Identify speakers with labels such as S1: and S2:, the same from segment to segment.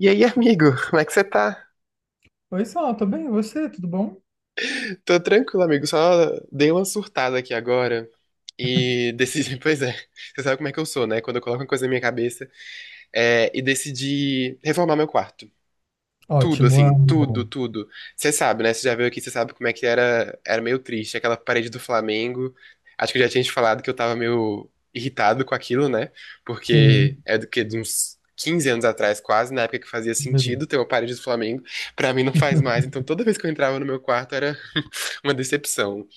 S1: E aí, amigo, como é que você tá?
S2: Oi, Sal, tudo bem? E você, tudo bom?
S1: Tô tranquilo, amigo, só dei uma surtada aqui agora e decidi, pois é, você sabe como é que eu sou, né? Quando eu coloco uma coisa na minha cabeça, e decidi reformar meu quarto. Tudo,
S2: Ótimo,
S1: assim, tudo,
S2: amo.
S1: tudo. Você sabe, né? Você já veio aqui, você sabe como é que era, era meio triste, aquela parede do Flamengo. Acho que eu já tinha te falado que eu tava meio irritado com aquilo, né? Porque
S2: Sim,
S1: é do que de uns 15 anos atrás, quase, na época que fazia
S2: beleza.
S1: sentido ter uma parede do Flamengo. Pra mim não faz mais. Então toda vez que eu entrava no meu quarto era uma decepção.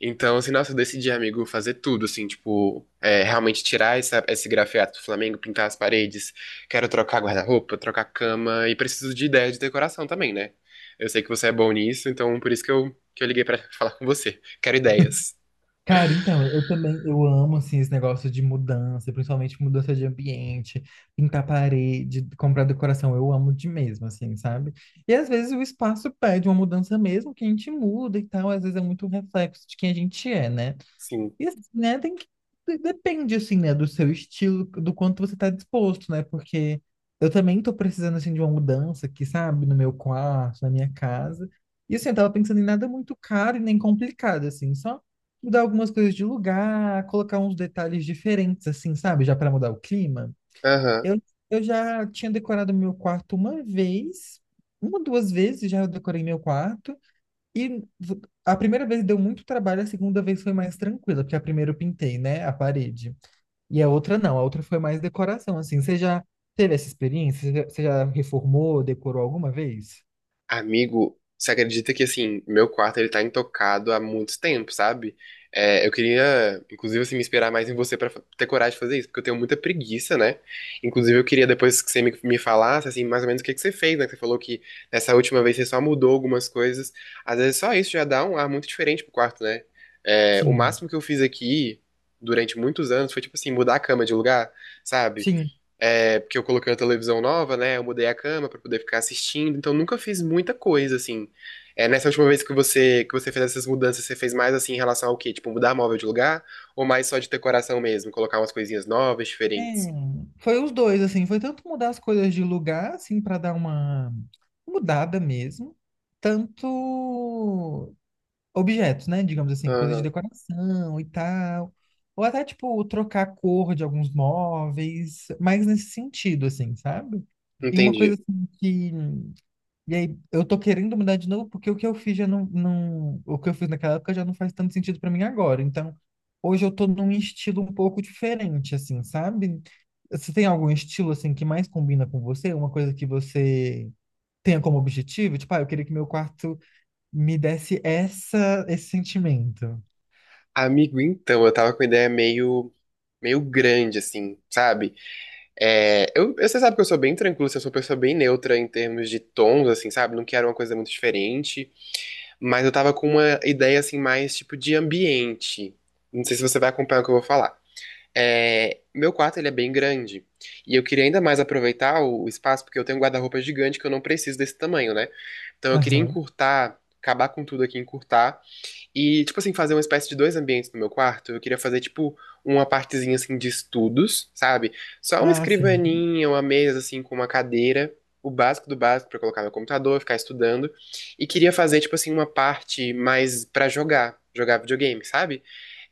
S1: Então, assim, nossa, eu decidi, amigo, fazer tudo, assim, tipo, realmente tirar esse grafiato do Flamengo, pintar as paredes, quero trocar guarda-roupa, trocar cama, e preciso de ideia de decoração também, né? Eu sei que você é bom nisso, então por isso que que eu liguei pra falar com você. Quero ideias.
S2: Cara, então, eu também, eu amo, assim, esse negócio de mudança, principalmente mudança de ambiente, pintar parede, comprar decoração, eu amo de mesmo, assim, sabe? E às vezes o espaço pede uma mudança mesmo, que a gente muda e tal, às vezes é muito um reflexo de quem a gente é, né?
S1: Sim.
S2: E assim, né, tem que... Depende, assim, né, do seu estilo, do quanto você tá disposto, né? Porque eu também tô precisando, assim, de uma mudança aqui, sabe? No meu quarto, na minha casa. E, assim, eu tava pensando em nada muito caro e nem complicado, assim. Só mudar algumas coisas de lugar, colocar uns detalhes diferentes, assim, sabe? Já para mudar o clima.
S1: Aham.
S2: Eu, eu já tinha decorado meu quarto uma vez, uma, duas vezes já eu decorei meu quarto. E a primeira vez deu muito trabalho, a segunda vez foi mais tranquila, porque a primeira eu pintei, né, a parede. E a outra não, a outra foi mais decoração, assim. Você já teve essa experiência? Você já reformou, decorou alguma vez?
S1: Amigo, você acredita que assim, meu quarto ele tá intocado há muito tempo, sabe? Eu queria, inclusive, assim, me inspirar mais em você pra ter coragem de fazer isso, porque eu tenho muita preguiça, né? Inclusive, eu queria depois que você me falasse, assim, mais ou menos o que que você fez, né? Que você falou que nessa última vez você só mudou algumas coisas. Às vezes só isso já dá um ar muito diferente pro quarto, né? É, o
S2: Sim,
S1: máximo que eu fiz aqui durante muitos anos foi, tipo assim, mudar a cama de lugar, sabe?
S2: sim.
S1: É, porque eu coloquei uma televisão nova, né? Eu mudei a cama pra poder ficar assistindo, então nunca fiz muita coisa, assim. É, nessa última vez que você fez essas mudanças, você fez mais assim em relação ao quê? Tipo, mudar móvel de lugar ou mais só de decoração mesmo, colocar umas coisinhas novas,
S2: É,
S1: diferentes?
S2: foi os dois, assim. Foi tanto mudar as coisas de lugar, assim, para dar uma mudada mesmo, tanto objetos, né? Digamos assim, coisas de
S1: Aham,
S2: decoração e tal. Ou até, tipo, trocar a cor de alguns móveis, mais nesse sentido, assim, sabe? E uma coisa
S1: entendi.
S2: assim que. E aí, eu tô querendo mudar de novo, porque o que eu fiz já não. O que eu fiz naquela época já não faz tanto sentido pra mim agora. Então, hoje eu tô num estilo um pouco diferente, assim, sabe? Você tem algum estilo, assim, que mais combina com você? Uma coisa que você tenha como objetivo? Tipo, ah, eu queria que meu quarto me desse esse sentimento.
S1: Amigo, então, eu tava com uma ideia meio grande assim, sabe? É, você sabe que eu sou bem tranquilo, assim, eu sou uma pessoa bem neutra em termos de tons, assim, sabe? Não quero uma coisa muito diferente. Mas eu tava com uma ideia assim, mais tipo de ambiente. Não sei se você vai acompanhar o que eu vou falar. É, meu quarto ele é bem grande. E eu queria ainda mais aproveitar o espaço, porque eu tenho um guarda-roupa gigante que eu não preciso desse tamanho, né? Então eu queria
S2: Aham.
S1: encurtar, acabar com tudo aqui, encurtar e, tipo assim, fazer uma espécie de dois ambientes no meu quarto. Eu queria fazer, tipo, uma partezinha, assim, de estudos, sabe? Só uma
S2: Ah, sim.
S1: escrivaninha, uma mesa, assim, com uma cadeira. O básico do básico pra colocar meu computador, ficar estudando. E queria fazer, tipo assim, uma parte mais pra jogar. Jogar videogame, sabe?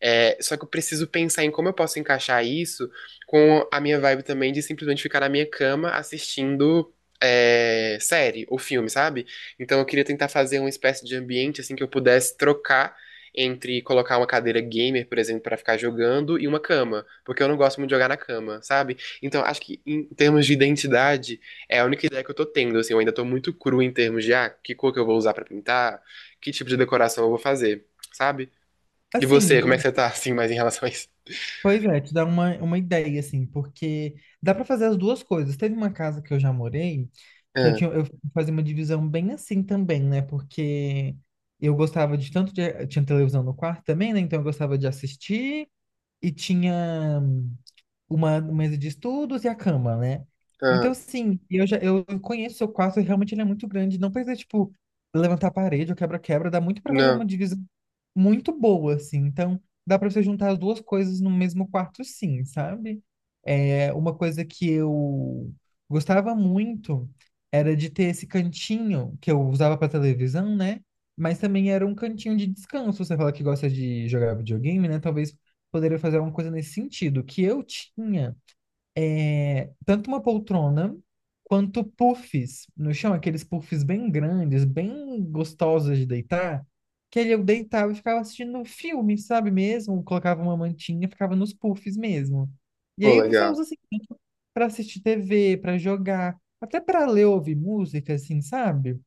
S1: É, só que eu preciso pensar em como eu posso encaixar isso com a minha vibe também de simplesmente ficar na minha cama assistindo série ou filme, sabe? Então eu queria tentar fazer uma espécie de ambiente assim que eu pudesse trocar entre colocar uma cadeira gamer, por exemplo, pra ficar jogando e uma cama, porque eu não gosto muito de jogar na cama, sabe? Então acho que em termos de identidade é a única ideia que eu tô tendo, assim, eu ainda tô muito cru em termos de ah, que cor que eu vou usar pra pintar, que tipo de decoração eu vou fazer, sabe? E você, como é
S2: Assim,
S1: que você tá assim mais em relação a isso?
S2: pois é, te dá uma ideia, assim, porque dá pra fazer as duas coisas. Teve uma casa que eu já morei, que eu
S1: Ah,
S2: tinha, eu fazia uma divisão bem assim também, né? Porque eu gostava de tanto de, tinha televisão no quarto também, né? Então eu gostava de assistir e tinha uma mesa de estudos e a cama, né?
S1: ah,
S2: Então, sim, eu já eu conheço o seu quarto e realmente ele é muito grande. Não precisa, tipo, levantar a parede ou quebra-quebra. Dá muito pra fazer uma
S1: não.
S2: divisão muito boa, assim. Então, dá pra você juntar as duas coisas no mesmo quarto, sim, sabe? É, uma coisa que eu gostava muito era de ter esse cantinho que eu usava pra televisão, né? Mas também era um cantinho de descanso. Você fala que gosta de jogar videogame, né? Talvez poderia fazer alguma coisa nesse sentido, que eu tinha tanto uma poltrona quanto puffs no chão, aqueles puffs bem grandes, bem gostosos de deitar, que ali eu deitava e ficava assistindo um filme, sabe mesmo? Colocava uma mantinha, ficava nos puffs mesmo. E
S1: Pô,
S2: aí você usa
S1: legal.
S2: assim para assistir TV, para jogar, até para ler, ouvir música, assim, sabe?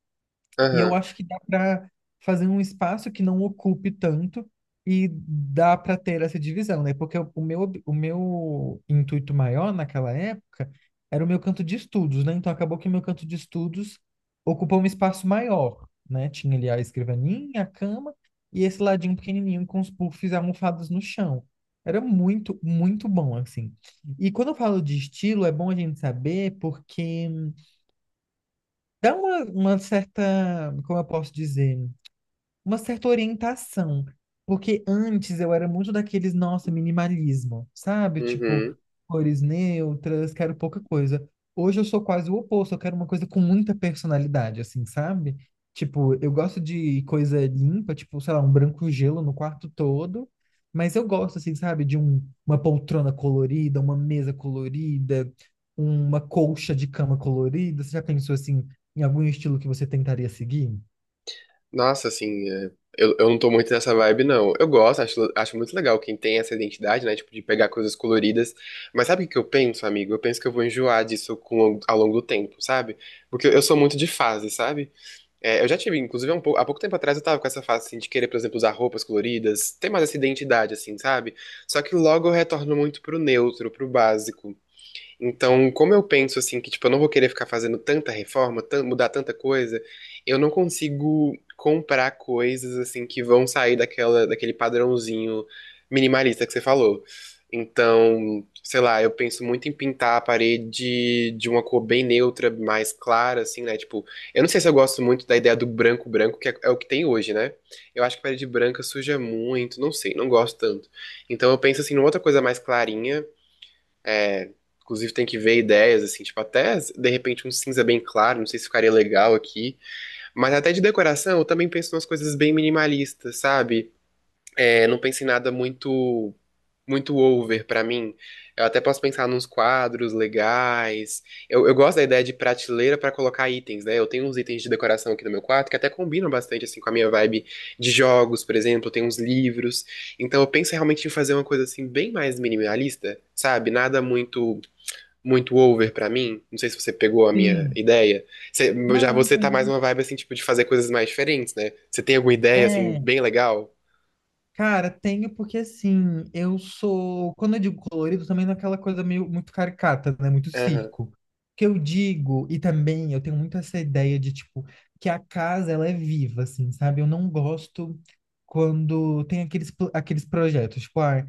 S2: E eu
S1: Aham.
S2: acho que dá para fazer um espaço que não ocupe tanto e dá para ter essa divisão, né? Porque o meu, o meu intuito maior naquela época era o meu canto de estudos, né? Então acabou que o meu canto de estudos ocupou um espaço maior, né? Tinha ali a escrivaninha, a cama e esse ladinho pequenininho com os puffs almofados no chão. Era muito, muito bom, assim. E quando eu falo de estilo, é bom a gente saber porque dá uma certa, como eu posso dizer? Uma certa orientação. Porque antes eu era muito daqueles, nossa, minimalismo, sabe? Tipo,
S1: Uhum.
S2: cores neutras, quero pouca coisa. Hoje eu sou quase o oposto, eu quero uma coisa com muita personalidade, assim, sabe? Tipo, eu gosto de coisa limpa, tipo, sei lá, um branco gelo no quarto todo, mas eu gosto, assim, sabe, de um, uma poltrona colorida, uma mesa colorida, uma colcha de cama colorida. Você já pensou, assim, em algum estilo que você tentaria seguir?
S1: Nossa, assim, é, eu não tô muito nessa vibe, não. Eu gosto, acho muito legal quem tem essa identidade, né? Tipo, de pegar coisas coloridas. Mas sabe o que eu penso, amigo? Eu penso que eu vou enjoar disso com, ao longo do tempo, sabe? Porque eu sou muito de fase, sabe? É, eu já tive, inclusive, há pouco tempo atrás eu tava com essa fase, assim, de querer, por exemplo, usar roupas coloridas, ter mais essa identidade, assim, sabe? Só que logo eu retorno muito pro neutro, pro básico. Então, como eu penso assim, que tipo, eu não vou querer ficar fazendo tanta reforma, mudar tanta coisa, eu não consigo comprar coisas assim que vão sair daquele padrãozinho minimalista que você falou. Então, sei lá, eu penso muito em pintar a parede de uma cor bem neutra, mais clara, assim, né? Tipo, eu não sei se eu gosto muito da ideia do branco branco, que é o que tem hoje, né? Eu acho que parede branca suja muito, não sei, não gosto tanto. Então eu penso assim numa outra coisa mais clarinha. É, inclusive, tem que ver ideias, assim, tipo, até de repente um cinza bem claro, não sei se ficaria legal aqui. Mas até de decoração, eu também penso em umas coisas bem minimalistas, sabe? É, não penso em nada muito over pra mim. Eu até posso pensar nos quadros legais. Eu gosto da ideia de prateleira pra colocar itens, né? Eu tenho uns itens de decoração aqui no meu quarto que até combinam bastante, assim, com a minha vibe de jogos, por exemplo. Eu tenho uns livros. Então, eu penso realmente em fazer uma coisa, assim, bem mais minimalista, sabe? Nada muito over pra mim. Não sei se você pegou a minha
S2: Sim.
S1: ideia. Você- já
S2: Não, não
S1: você tá mais
S2: tem.
S1: uma vibe assim, tipo, de fazer coisas mais diferentes, né? Você tem alguma ideia assim
S2: É,
S1: bem legal?
S2: cara, tenho porque assim, eu sou, quando eu digo colorido, também não é aquela coisa meio muito caricata, né? Muito
S1: Aham,
S2: circo. O que eu digo, e também eu tenho muito essa ideia de tipo que a casa ela é viva, assim, sabe? Eu não gosto quando tem aqueles projetos, tipo, ah,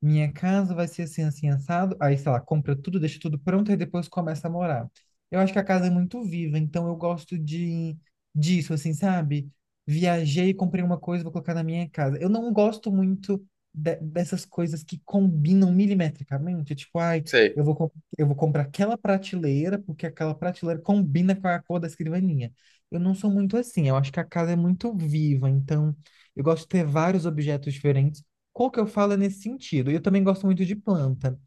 S2: minha casa vai ser assim assim assado, aí sei lá, compra tudo, deixa tudo pronto e depois começa a morar. Eu acho que a casa é muito viva, então eu gosto de disso, assim, sabe? Viajei, comprei uma coisa, vou colocar na minha casa. Eu não gosto muito dessas coisas que combinam milimetricamente. Tipo, ai,
S1: sei.
S2: eu vou, com- eu vou comprar aquela prateleira, porque aquela prateleira combina com a cor da escrivaninha. Eu não sou muito assim. Eu acho que a casa é muito viva, então eu gosto de ter vários objetos diferentes. Qual que eu falo é nesse sentido? E eu também gosto muito de planta.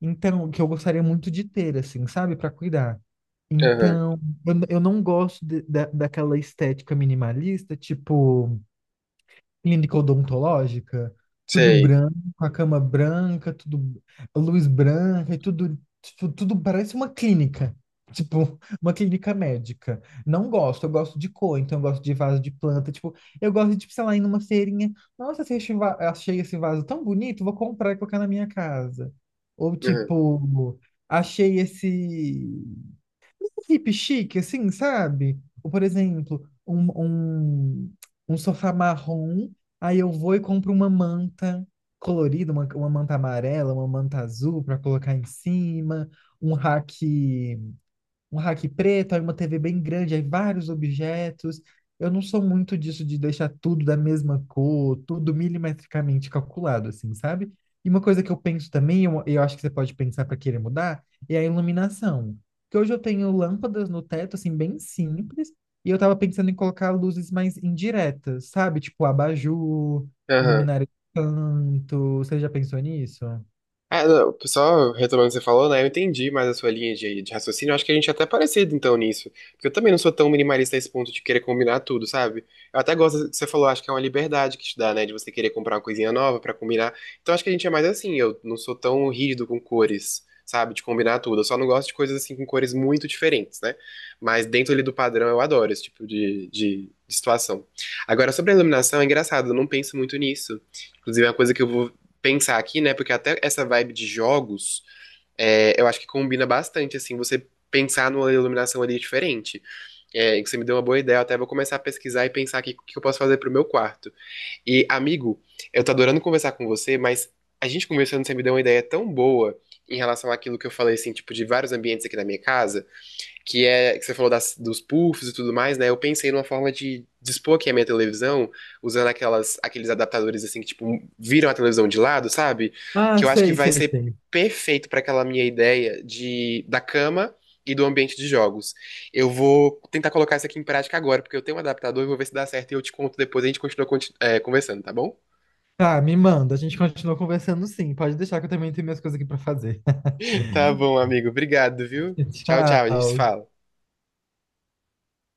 S2: Então, que eu gostaria muito de ter, assim, sabe? Para cuidar.
S1: Aham,
S2: Então, eu não gosto da, daquela estética minimalista, tipo clínica odontológica, tudo
S1: sei.
S2: branco, a cama branca, tudo a luz branca e tudo, tudo parece uma clínica. Tipo, uma clínica médica. Não gosto, eu gosto de cor, então eu gosto de vaso de planta. Tipo, eu gosto de, tipo, sei lá, ir numa feirinha. Nossa, achei esse vaso tão bonito, vou comprar e colocar na minha casa. Ou
S1: Aham,
S2: tipo, achei esse um VIP chique, assim, sabe? Ou, por exemplo, um sofá marrom, aí eu vou e compro uma manta colorida, uma manta amarela, uma manta azul para colocar em cima, um rack um rack preto, aí uma TV bem grande, aí vários objetos. Eu não sou muito disso de deixar tudo da mesma cor, tudo milimetricamente calculado, assim, sabe? E uma coisa que eu penso também, eu acho que você pode pensar para querer mudar, é a iluminação. Porque hoje eu tenho lâmpadas no teto, assim, bem simples, e eu tava pensando em colocar luzes mais indiretas, sabe? Tipo abajur,
S1: aham.
S2: luminária de canto. Você já pensou nisso?
S1: É, não, só retomando o que você falou, né? Eu entendi mais a sua linha de raciocínio. Eu acho que a gente é até parecido, então, nisso. Porque eu também não sou tão minimalista a esse ponto de querer combinar tudo, sabe? Eu até gosto do que você falou, acho que é uma liberdade que te dá, né? De você querer comprar uma coisinha nova pra combinar. Então, acho que a gente é mais assim. Eu não sou tão rígido com cores, sabe? De combinar tudo. Eu só não gosto de coisas assim com cores muito diferentes, né? Mas dentro ali do padrão, eu adoro esse tipo de situação. Agora, sobre a iluminação, é engraçado, eu não penso muito nisso. Inclusive, é uma coisa que eu vou pensar aqui, né? Porque até essa vibe de jogos, eu acho que combina bastante, assim, você pensar numa iluminação ali diferente. É, que você me deu uma boa ideia, eu até vou começar a pesquisar e pensar aqui o que eu posso fazer pro meu quarto. E, amigo, eu tô adorando conversar com você, mas a gente conversando, você me deu uma ideia tão boa em relação àquilo que eu falei, assim, tipo, de vários ambientes aqui na minha casa que é que você falou dos puffs e tudo mais, né? Eu pensei numa forma de dispor aqui a minha televisão usando aquelas aqueles adaptadores assim que tipo viram a televisão de lado, sabe?
S2: Ah,
S1: Que eu acho que
S2: sei,
S1: vai
S2: sei,
S1: ser
S2: sei.
S1: perfeito para aquela minha ideia de da cama e do ambiente de jogos. Eu vou tentar colocar isso aqui em prática agora, porque eu tenho um adaptador e vou ver se dá certo e eu te conto depois, a gente continua conversando, tá bom?
S2: Tá, me manda. A gente continua conversando sim. Pode deixar que eu também tenho minhas coisas aqui pra fazer.
S1: Tá bom, amigo. Obrigado, viu? Tchau, tchau. A gente se
S2: Tchau.
S1: fala.